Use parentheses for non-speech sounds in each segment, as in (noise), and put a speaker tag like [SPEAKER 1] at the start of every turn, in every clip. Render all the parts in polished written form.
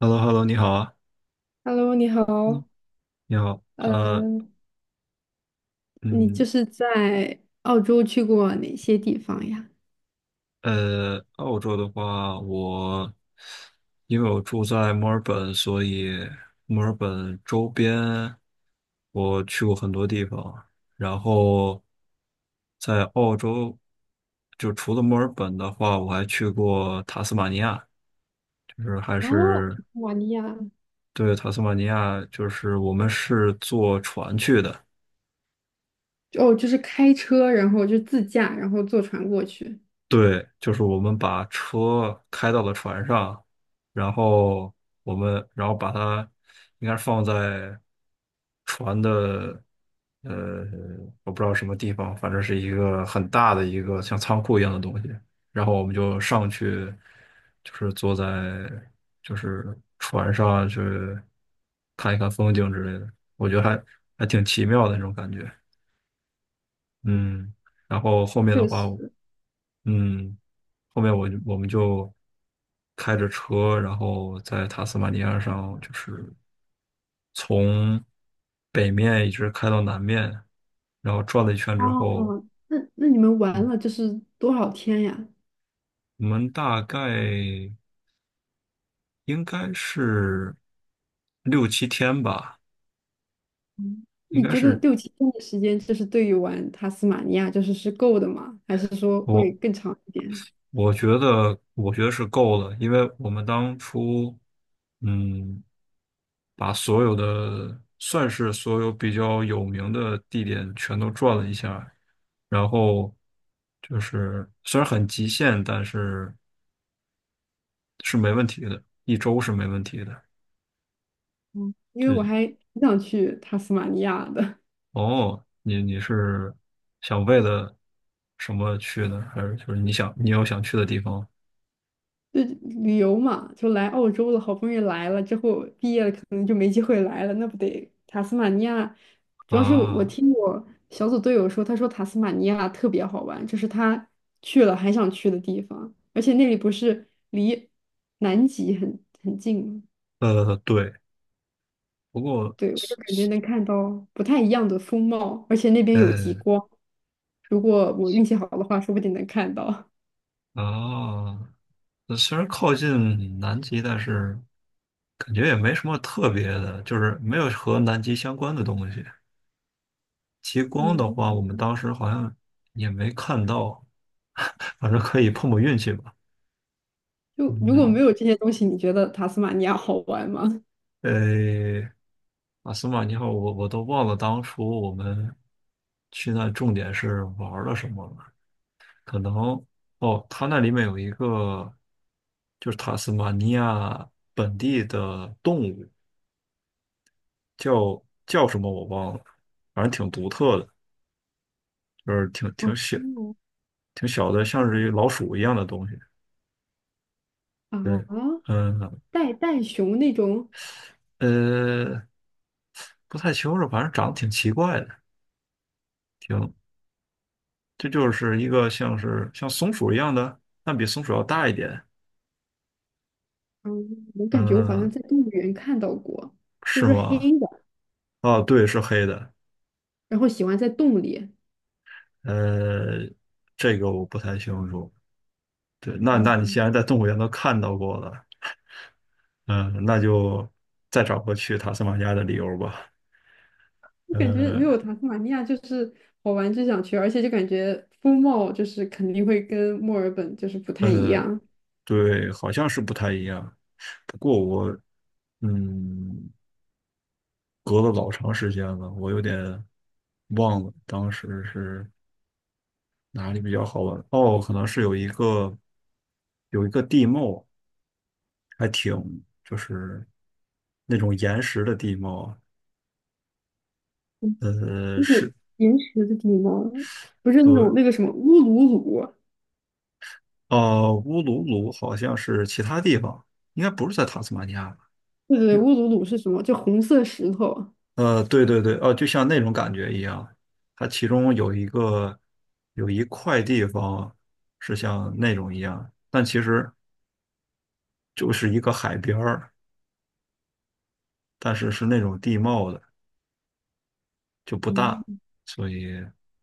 [SPEAKER 1] h e l l o h e l l o 你好啊。
[SPEAKER 2] Hello，你
[SPEAKER 1] 嗯，
[SPEAKER 2] 好，
[SPEAKER 1] 你好。
[SPEAKER 2] 呃，你
[SPEAKER 1] 嗯，
[SPEAKER 2] 在澳洲去过哪些地方呀？
[SPEAKER 1] 澳洲的话，因为我住在墨尔本，所以墨尔本周边我去过很多地方。然后在澳洲，就除了墨尔本的话，我还去过塔斯马尼亚。就是还
[SPEAKER 2] 哦，塔
[SPEAKER 1] 是
[SPEAKER 2] 斯马尼亚，
[SPEAKER 1] 对，塔斯马尼亚，就是我们是坐船去的。
[SPEAKER 2] 哦，就是开车，然后就自驾，然后坐船过去。
[SPEAKER 1] 对，就是我们把车开到了船上，然后我们把它应该是放在船的，呃，我不知道什么地方，反正是一个很大的一个像仓库一样的东西。然后我们就上去，就是坐在就是船上去看一看风景之类的。我觉得还挺奇妙的那种感觉。
[SPEAKER 2] 嗯，
[SPEAKER 1] 嗯，然后后面的
[SPEAKER 2] 确
[SPEAKER 1] 话。
[SPEAKER 2] 实。
[SPEAKER 1] 嗯，后面我们就开着车，然后在塔斯马尼亚上，就是从北面一直开到南面，然后转了一圈之后。
[SPEAKER 2] 哦，那你们玩
[SPEAKER 1] 嗯，
[SPEAKER 2] 了多少天呀？
[SPEAKER 1] 我们大概应该是六七天吧。
[SPEAKER 2] 嗯
[SPEAKER 1] 应
[SPEAKER 2] 你
[SPEAKER 1] 该
[SPEAKER 2] 觉得
[SPEAKER 1] 是
[SPEAKER 2] 六七天的时间，对于玩塔斯马尼亚是够的吗？还是说会
[SPEAKER 1] 我
[SPEAKER 2] 更长一点？
[SPEAKER 1] 我觉得，我觉得是够了，因为我们当初，嗯，把所有的，算是所有比较有名的地点全都转了一下，然后就是虽然很极限，但是是没问题的，一周是没问题的。
[SPEAKER 2] 嗯因为
[SPEAKER 1] 就
[SPEAKER 2] 我还挺想去塔斯马尼亚的。
[SPEAKER 1] 哦，你是想为了什么去呢？还是就是你想你有想去的地方
[SPEAKER 2] 就旅游嘛，就来澳洲了，好不容易来了，之后毕业了可能就没机会来了，那不得塔斯马尼亚？主要是我
[SPEAKER 1] 啊？
[SPEAKER 2] 听我小组队友说，他说塔斯马尼亚特别好玩，这是他去了还想去的地方，而且那里不是离南极很近吗？
[SPEAKER 1] 对。不过。
[SPEAKER 2] 对，我就感觉能看到不太一样的风貌，而且那边有极
[SPEAKER 1] 呃，
[SPEAKER 2] 光，如果我运气好的话，说不定能看到。
[SPEAKER 1] 哦，那虽然靠近南极，但是感觉也没什么特别的，就是没有和南极相关的东西。极光的话，我
[SPEAKER 2] 嗯
[SPEAKER 1] 们当时好像也没看到，反正可以碰碰运气吧。
[SPEAKER 2] 就如果没
[SPEAKER 1] 嗯，
[SPEAKER 2] 有这些东西，你觉得塔斯马尼亚好玩吗？
[SPEAKER 1] 呃，阿斯玛尼号，我都忘了当初我们去那重点是玩了什么了。可能哦，它那里面有一个就是塔斯马尼亚本地的动物。叫什么我忘了，反正挺独特的，就是
[SPEAKER 2] (laughs)
[SPEAKER 1] 挺小的，像是一个老鼠一样的东西。对，
[SPEAKER 2] 啊，
[SPEAKER 1] 嗯。
[SPEAKER 2] 袋袋熊那种，
[SPEAKER 1] 呃，不太清楚，反正长得挺奇怪的。嗯，这就是一个像是像松鼠一样的，但比松鼠要大一点。
[SPEAKER 2] 嗯，我感觉我好像
[SPEAKER 1] 嗯，
[SPEAKER 2] 在动物园看到过，是
[SPEAKER 1] 是
[SPEAKER 2] 不是黑
[SPEAKER 1] 吗？
[SPEAKER 2] 的？
[SPEAKER 1] 啊，对，是黑的。
[SPEAKER 2] 然后喜欢在洞里，
[SPEAKER 1] 呃，这个我不太清楚。对，那你
[SPEAKER 2] 嗯，
[SPEAKER 1] 既然在动物园都看到过了，嗯，那就再找个去塔斯马尼亚的理由吧。
[SPEAKER 2] 我感觉没
[SPEAKER 1] 呃，
[SPEAKER 2] 有塔斯马尼亚好玩就想去，而且就感觉风貌肯定会跟墨尔本不太一样，
[SPEAKER 1] 对，好像是不太一样。不过我，嗯，隔了老长时间了，我有点忘了当时是哪里比较好玩。哦，可能是有一个地貌，就是那种岩石的地貌。
[SPEAKER 2] 嗯那种
[SPEAKER 1] 是。
[SPEAKER 2] 岩石的地方，不是那
[SPEAKER 1] 对，
[SPEAKER 2] 种那个什么乌鲁鲁，
[SPEAKER 1] 乌鲁鲁好像是其他地方，应该不是在塔斯马尼亚吧？
[SPEAKER 2] 对对对乌鲁鲁是什么？就红色石头。
[SPEAKER 1] 对对对，就像那种感觉一样，它其中有一个，有一块地方是像那种一样，但其实就是一个海边儿，但是是那种地貌的，就不大，
[SPEAKER 2] 嗯，
[SPEAKER 1] 所以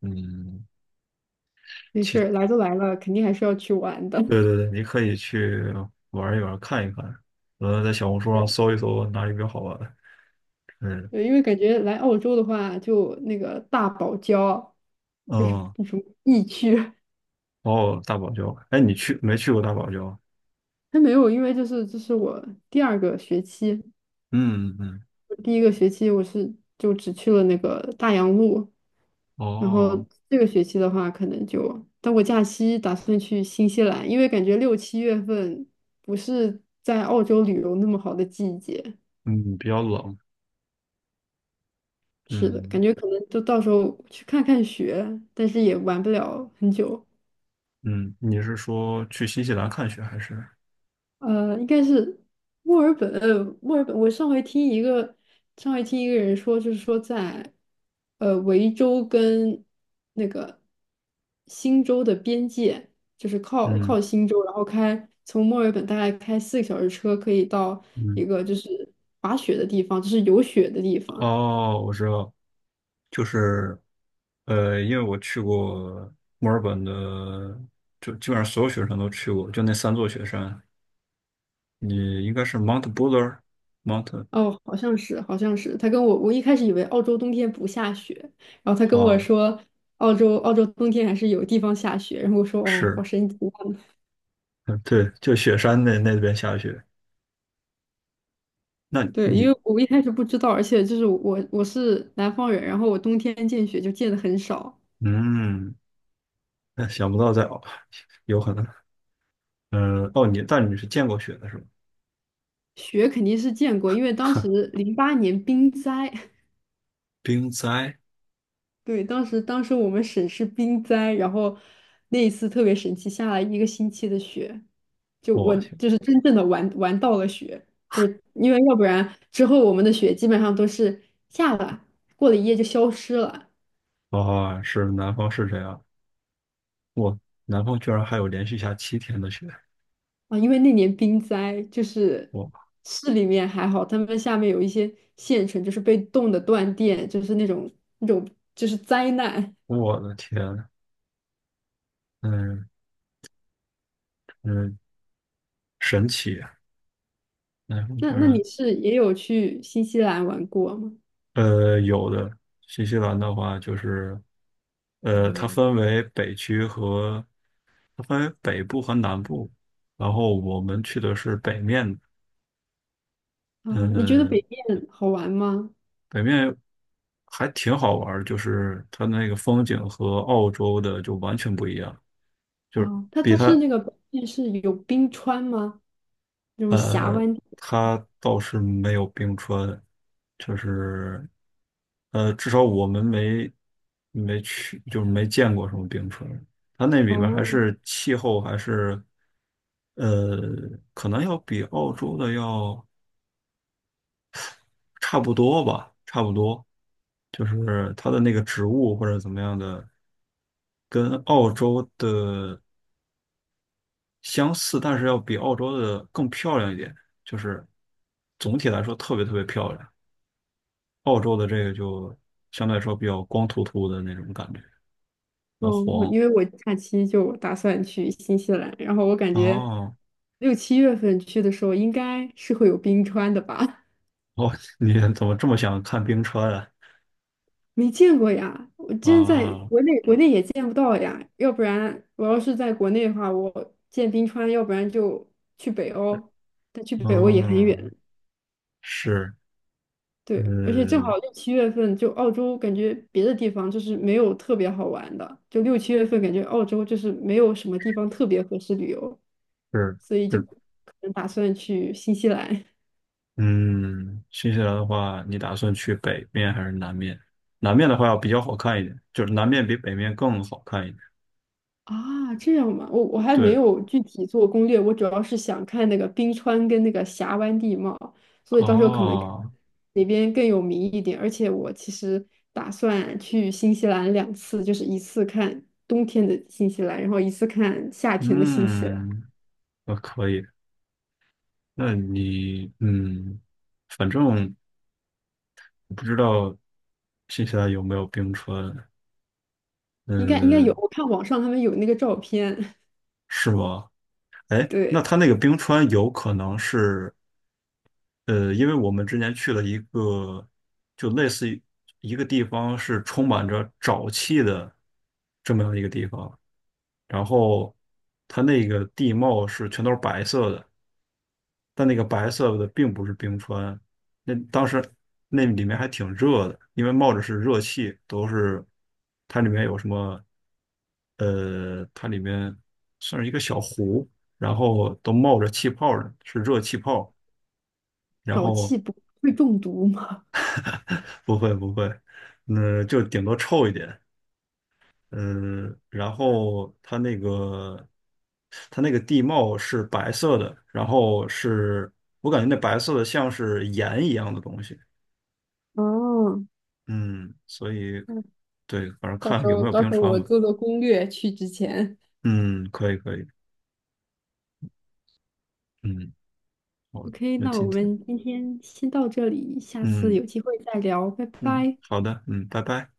[SPEAKER 1] 嗯，
[SPEAKER 2] 没事儿
[SPEAKER 1] 其
[SPEAKER 2] 来都来了，肯定还是要去玩的。
[SPEAKER 1] 对对对，你可以去玩一玩，看一看，在小红书上
[SPEAKER 2] (laughs)
[SPEAKER 1] 搜一搜哪里比较好玩。嗯
[SPEAKER 2] 对，因为感觉来澳洲的话，就那个大堡礁，就是
[SPEAKER 1] 嗯。
[SPEAKER 2] 那种疫区，
[SPEAKER 1] 哦，大堡礁，哎，你去没去过大堡礁？
[SPEAKER 2] 还没有，因为就是这是我第2个学期，
[SPEAKER 1] 嗯嗯。嗯。
[SPEAKER 2] 我第1个学期我是就只去了那个大洋路，然后
[SPEAKER 1] 哦。
[SPEAKER 2] 这个学期的话，可能就，但我假期打算去新西兰，因为感觉六七月份不是在澳洲旅游那么好的季节，
[SPEAKER 1] 嗯，比较冷。
[SPEAKER 2] 是的，
[SPEAKER 1] 嗯。
[SPEAKER 2] 感觉可能就到时候去看看雪，但是也玩不了很久。
[SPEAKER 1] 嗯，你是说去新西兰看雪还是？
[SPEAKER 2] 应该是墨尔本，墨尔本。我上回听一个，上回听一个人说，就是说在，维州跟那个新州的边界，靠
[SPEAKER 1] 嗯
[SPEAKER 2] 靠新州，然后开从墨尔本大概开4个小时车，可以到一
[SPEAKER 1] 嗯。
[SPEAKER 2] 个就是滑雪的地方，就是有雪的地方。
[SPEAKER 1] 哦，我知道，就是，因为我去过墨尔本的，就基本上所有雪山都去过，就那3座雪山。你应该是 Mount Buller，Mount a i
[SPEAKER 2] 哦，好像是，好像是。他跟我，我一开始以为澳洲冬天不下雪，然后他
[SPEAKER 1] n
[SPEAKER 2] 跟我
[SPEAKER 1] 啊。
[SPEAKER 2] 说，澳洲冬天还是有地方下雪，然后我说哦，好
[SPEAKER 1] 是，
[SPEAKER 2] 神奇啊
[SPEAKER 1] 嗯，对，就雪山那边下雪。那
[SPEAKER 2] 对，因
[SPEAKER 1] 你，
[SPEAKER 2] 为我一开始不知道，而且就是我是南方人，然后我冬天见雪就见的很少，
[SPEAKER 1] 嗯，那想不到在哦，有可能。嗯，哦，但你是见过雪的是吧？
[SPEAKER 2] 雪肯定是见过，因为当时
[SPEAKER 1] (laughs)
[SPEAKER 2] 08年冰灾，(laughs)
[SPEAKER 1] 冰灾。
[SPEAKER 2] 对，当时我们省是冰灾，然后那一次特别神奇，下了1个星期的雪，就我
[SPEAKER 1] 我去。
[SPEAKER 2] 就是真正的玩到了雪，就是因为要不然之后我们的雪基本上都是下了，过了一夜就消失了。
[SPEAKER 1] 哦，是南方是这样。我南方居然还有连续下七天的雪。
[SPEAKER 2] 啊，因为那年冰灾，就是
[SPEAKER 1] 我
[SPEAKER 2] 市里面还好，他们下面有一些县城就是被冻的断电，就是那种就是灾难。
[SPEAKER 1] 我的天。嗯嗯。神奇。南方居
[SPEAKER 2] 那
[SPEAKER 1] 然。
[SPEAKER 2] 你是也有去新西兰玩过吗？
[SPEAKER 1] 有的。新西兰的话就是，它分为北区和，它分为北部和南部，然后我们去的是北面。
[SPEAKER 2] 啊，你觉得
[SPEAKER 1] 呃
[SPEAKER 2] 北面好玩吗？
[SPEAKER 1] 北面还挺好玩儿，就是它那个风景和澳洲的就完全不一样。就是
[SPEAKER 2] 啊，它
[SPEAKER 1] 比
[SPEAKER 2] 它是
[SPEAKER 1] 它
[SPEAKER 2] 那个北面是有冰川吗？那种峡
[SPEAKER 1] 呃，
[SPEAKER 2] 湾地
[SPEAKER 1] 他倒是没有冰川。就是至少我们没去，就是没见过什么冰川。它那里面还
[SPEAKER 2] 哦
[SPEAKER 1] 是气候还是，呃，可能要比澳洲的要差不多吧，差不多。就是它的那个植物或者怎么样的，跟澳洲的相似，但是要比澳洲的更漂亮一点。就是总体来说特别特别漂亮。澳洲的这个就相对来说比较光秃秃的那种感觉，比较
[SPEAKER 2] 哦，我
[SPEAKER 1] 黄。
[SPEAKER 2] 因为我假期就打算去新西兰，然后我感觉
[SPEAKER 1] 哦。
[SPEAKER 2] 六七月份去的时候应该是会有冰川的吧。
[SPEAKER 1] 哦。(laughs) 你怎么这么想看冰川啊？
[SPEAKER 2] 没见过呀，我真在
[SPEAKER 1] 啊。
[SPEAKER 2] 国内也见不到呀。要不然我要是在国内的话，我见冰川，要不然就去北欧，但去北欧也很远。
[SPEAKER 1] 嗯，是。
[SPEAKER 2] 对，而且正好
[SPEAKER 1] 嗯，
[SPEAKER 2] 六七月份，就澳洲感觉别的地方就是没有特别好玩的，就六七月份感觉澳洲就是没有什么地方特别合适旅游，
[SPEAKER 1] 是
[SPEAKER 2] 所以就可
[SPEAKER 1] 是。
[SPEAKER 2] 能打算去新西兰。
[SPEAKER 1] 嗯，新西兰的话，你打算去北面还是南面？南面的话要比较好看一点，就是南面比北面更好看一点。
[SPEAKER 2] 啊，这样嘛，我还没
[SPEAKER 1] 对。
[SPEAKER 2] 有具体做攻略，我主要是想看那个冰川跟那个峡湾地貌，所以到时候可能看
[SPEAKER 1] 哦。
[SPEAKER 2] 哪边更有名一点。而且我其实打算去新西兰2次，就是一次看冬天的新西兰，然后一次看夏天的新西兰。
[SPEAKER 1] 嗯，那可以。那你，嗯，反正。不知道新西兰有没有冰川？
[SPEAKER 2] 应该有，
[SPEAKER 1] 嗯。
[SPEAKER 2] 我看网上他们有那个照片。(laughs)
[SPEAKER 1] 是吗？哎，那
[SPEAKER 2] 对，
[SPEAKER 1] 它那个冰川有可能是，因为我们之前去了一个，就类似于一个地方是充满着沼气的这么样一个地方，然后它那个地貌是全都是白色的，但那个白色的并不是冰川，那当时那里面还挺热的，因为冒着是热气，都是它里面有什么。它里面算是一个小湖，然后都冒着气泡呢，是热气泡，然
[SPEAKER 2] 沼
[SPEAKER 1] 后
[SPEAKER 2] 气不会中毒吗？
[SPEAKER 1] (laughs) 不会不会，那就顶多臭一点。嗯，然后它那个地貌是白色的，然后是我感觉那白色的像是盐一样的东西。
[SPEAKER 2] 哦，
[SPEAKER 1] 嗯，所以
[SPEAKER 2] 那
[SPEAKER 1] 对，反正
[SPEAKER 2] 到
[SPEAKER 1] 看
[SPEAKER 2] 时
[SPEAKER 1] 有
[SPEAKER 2] 候
[SPEAKER 1] 没有
[SPEAKER 2] 到
[SPEAKER 1] 冰
[SPEAKER 2] 时候
[SPEAKER 1] 川
[SPEAKER 2] 我
[SPEAKER 1] 吧。
[SPEAKER 2] 做做攻略去之前。
[SPEAKER 1] 嗯，可以可以。嗯，好。
[SPEAKER 2] OK，
[SPEAKER 1] 那
[SPEAKER 2] 那我
[SPEAKER 1] 今天，
[SPEAKER 2] 们今天先到这里，下次
[SPEAKER 1] 嗯
[SPEAKER 2] 有机会再聊，拜
[SPEAKER 1] 嗯，
[SPEAKER 2] 拜。
[SPEAKER 1] 好的，嗯，拜拜。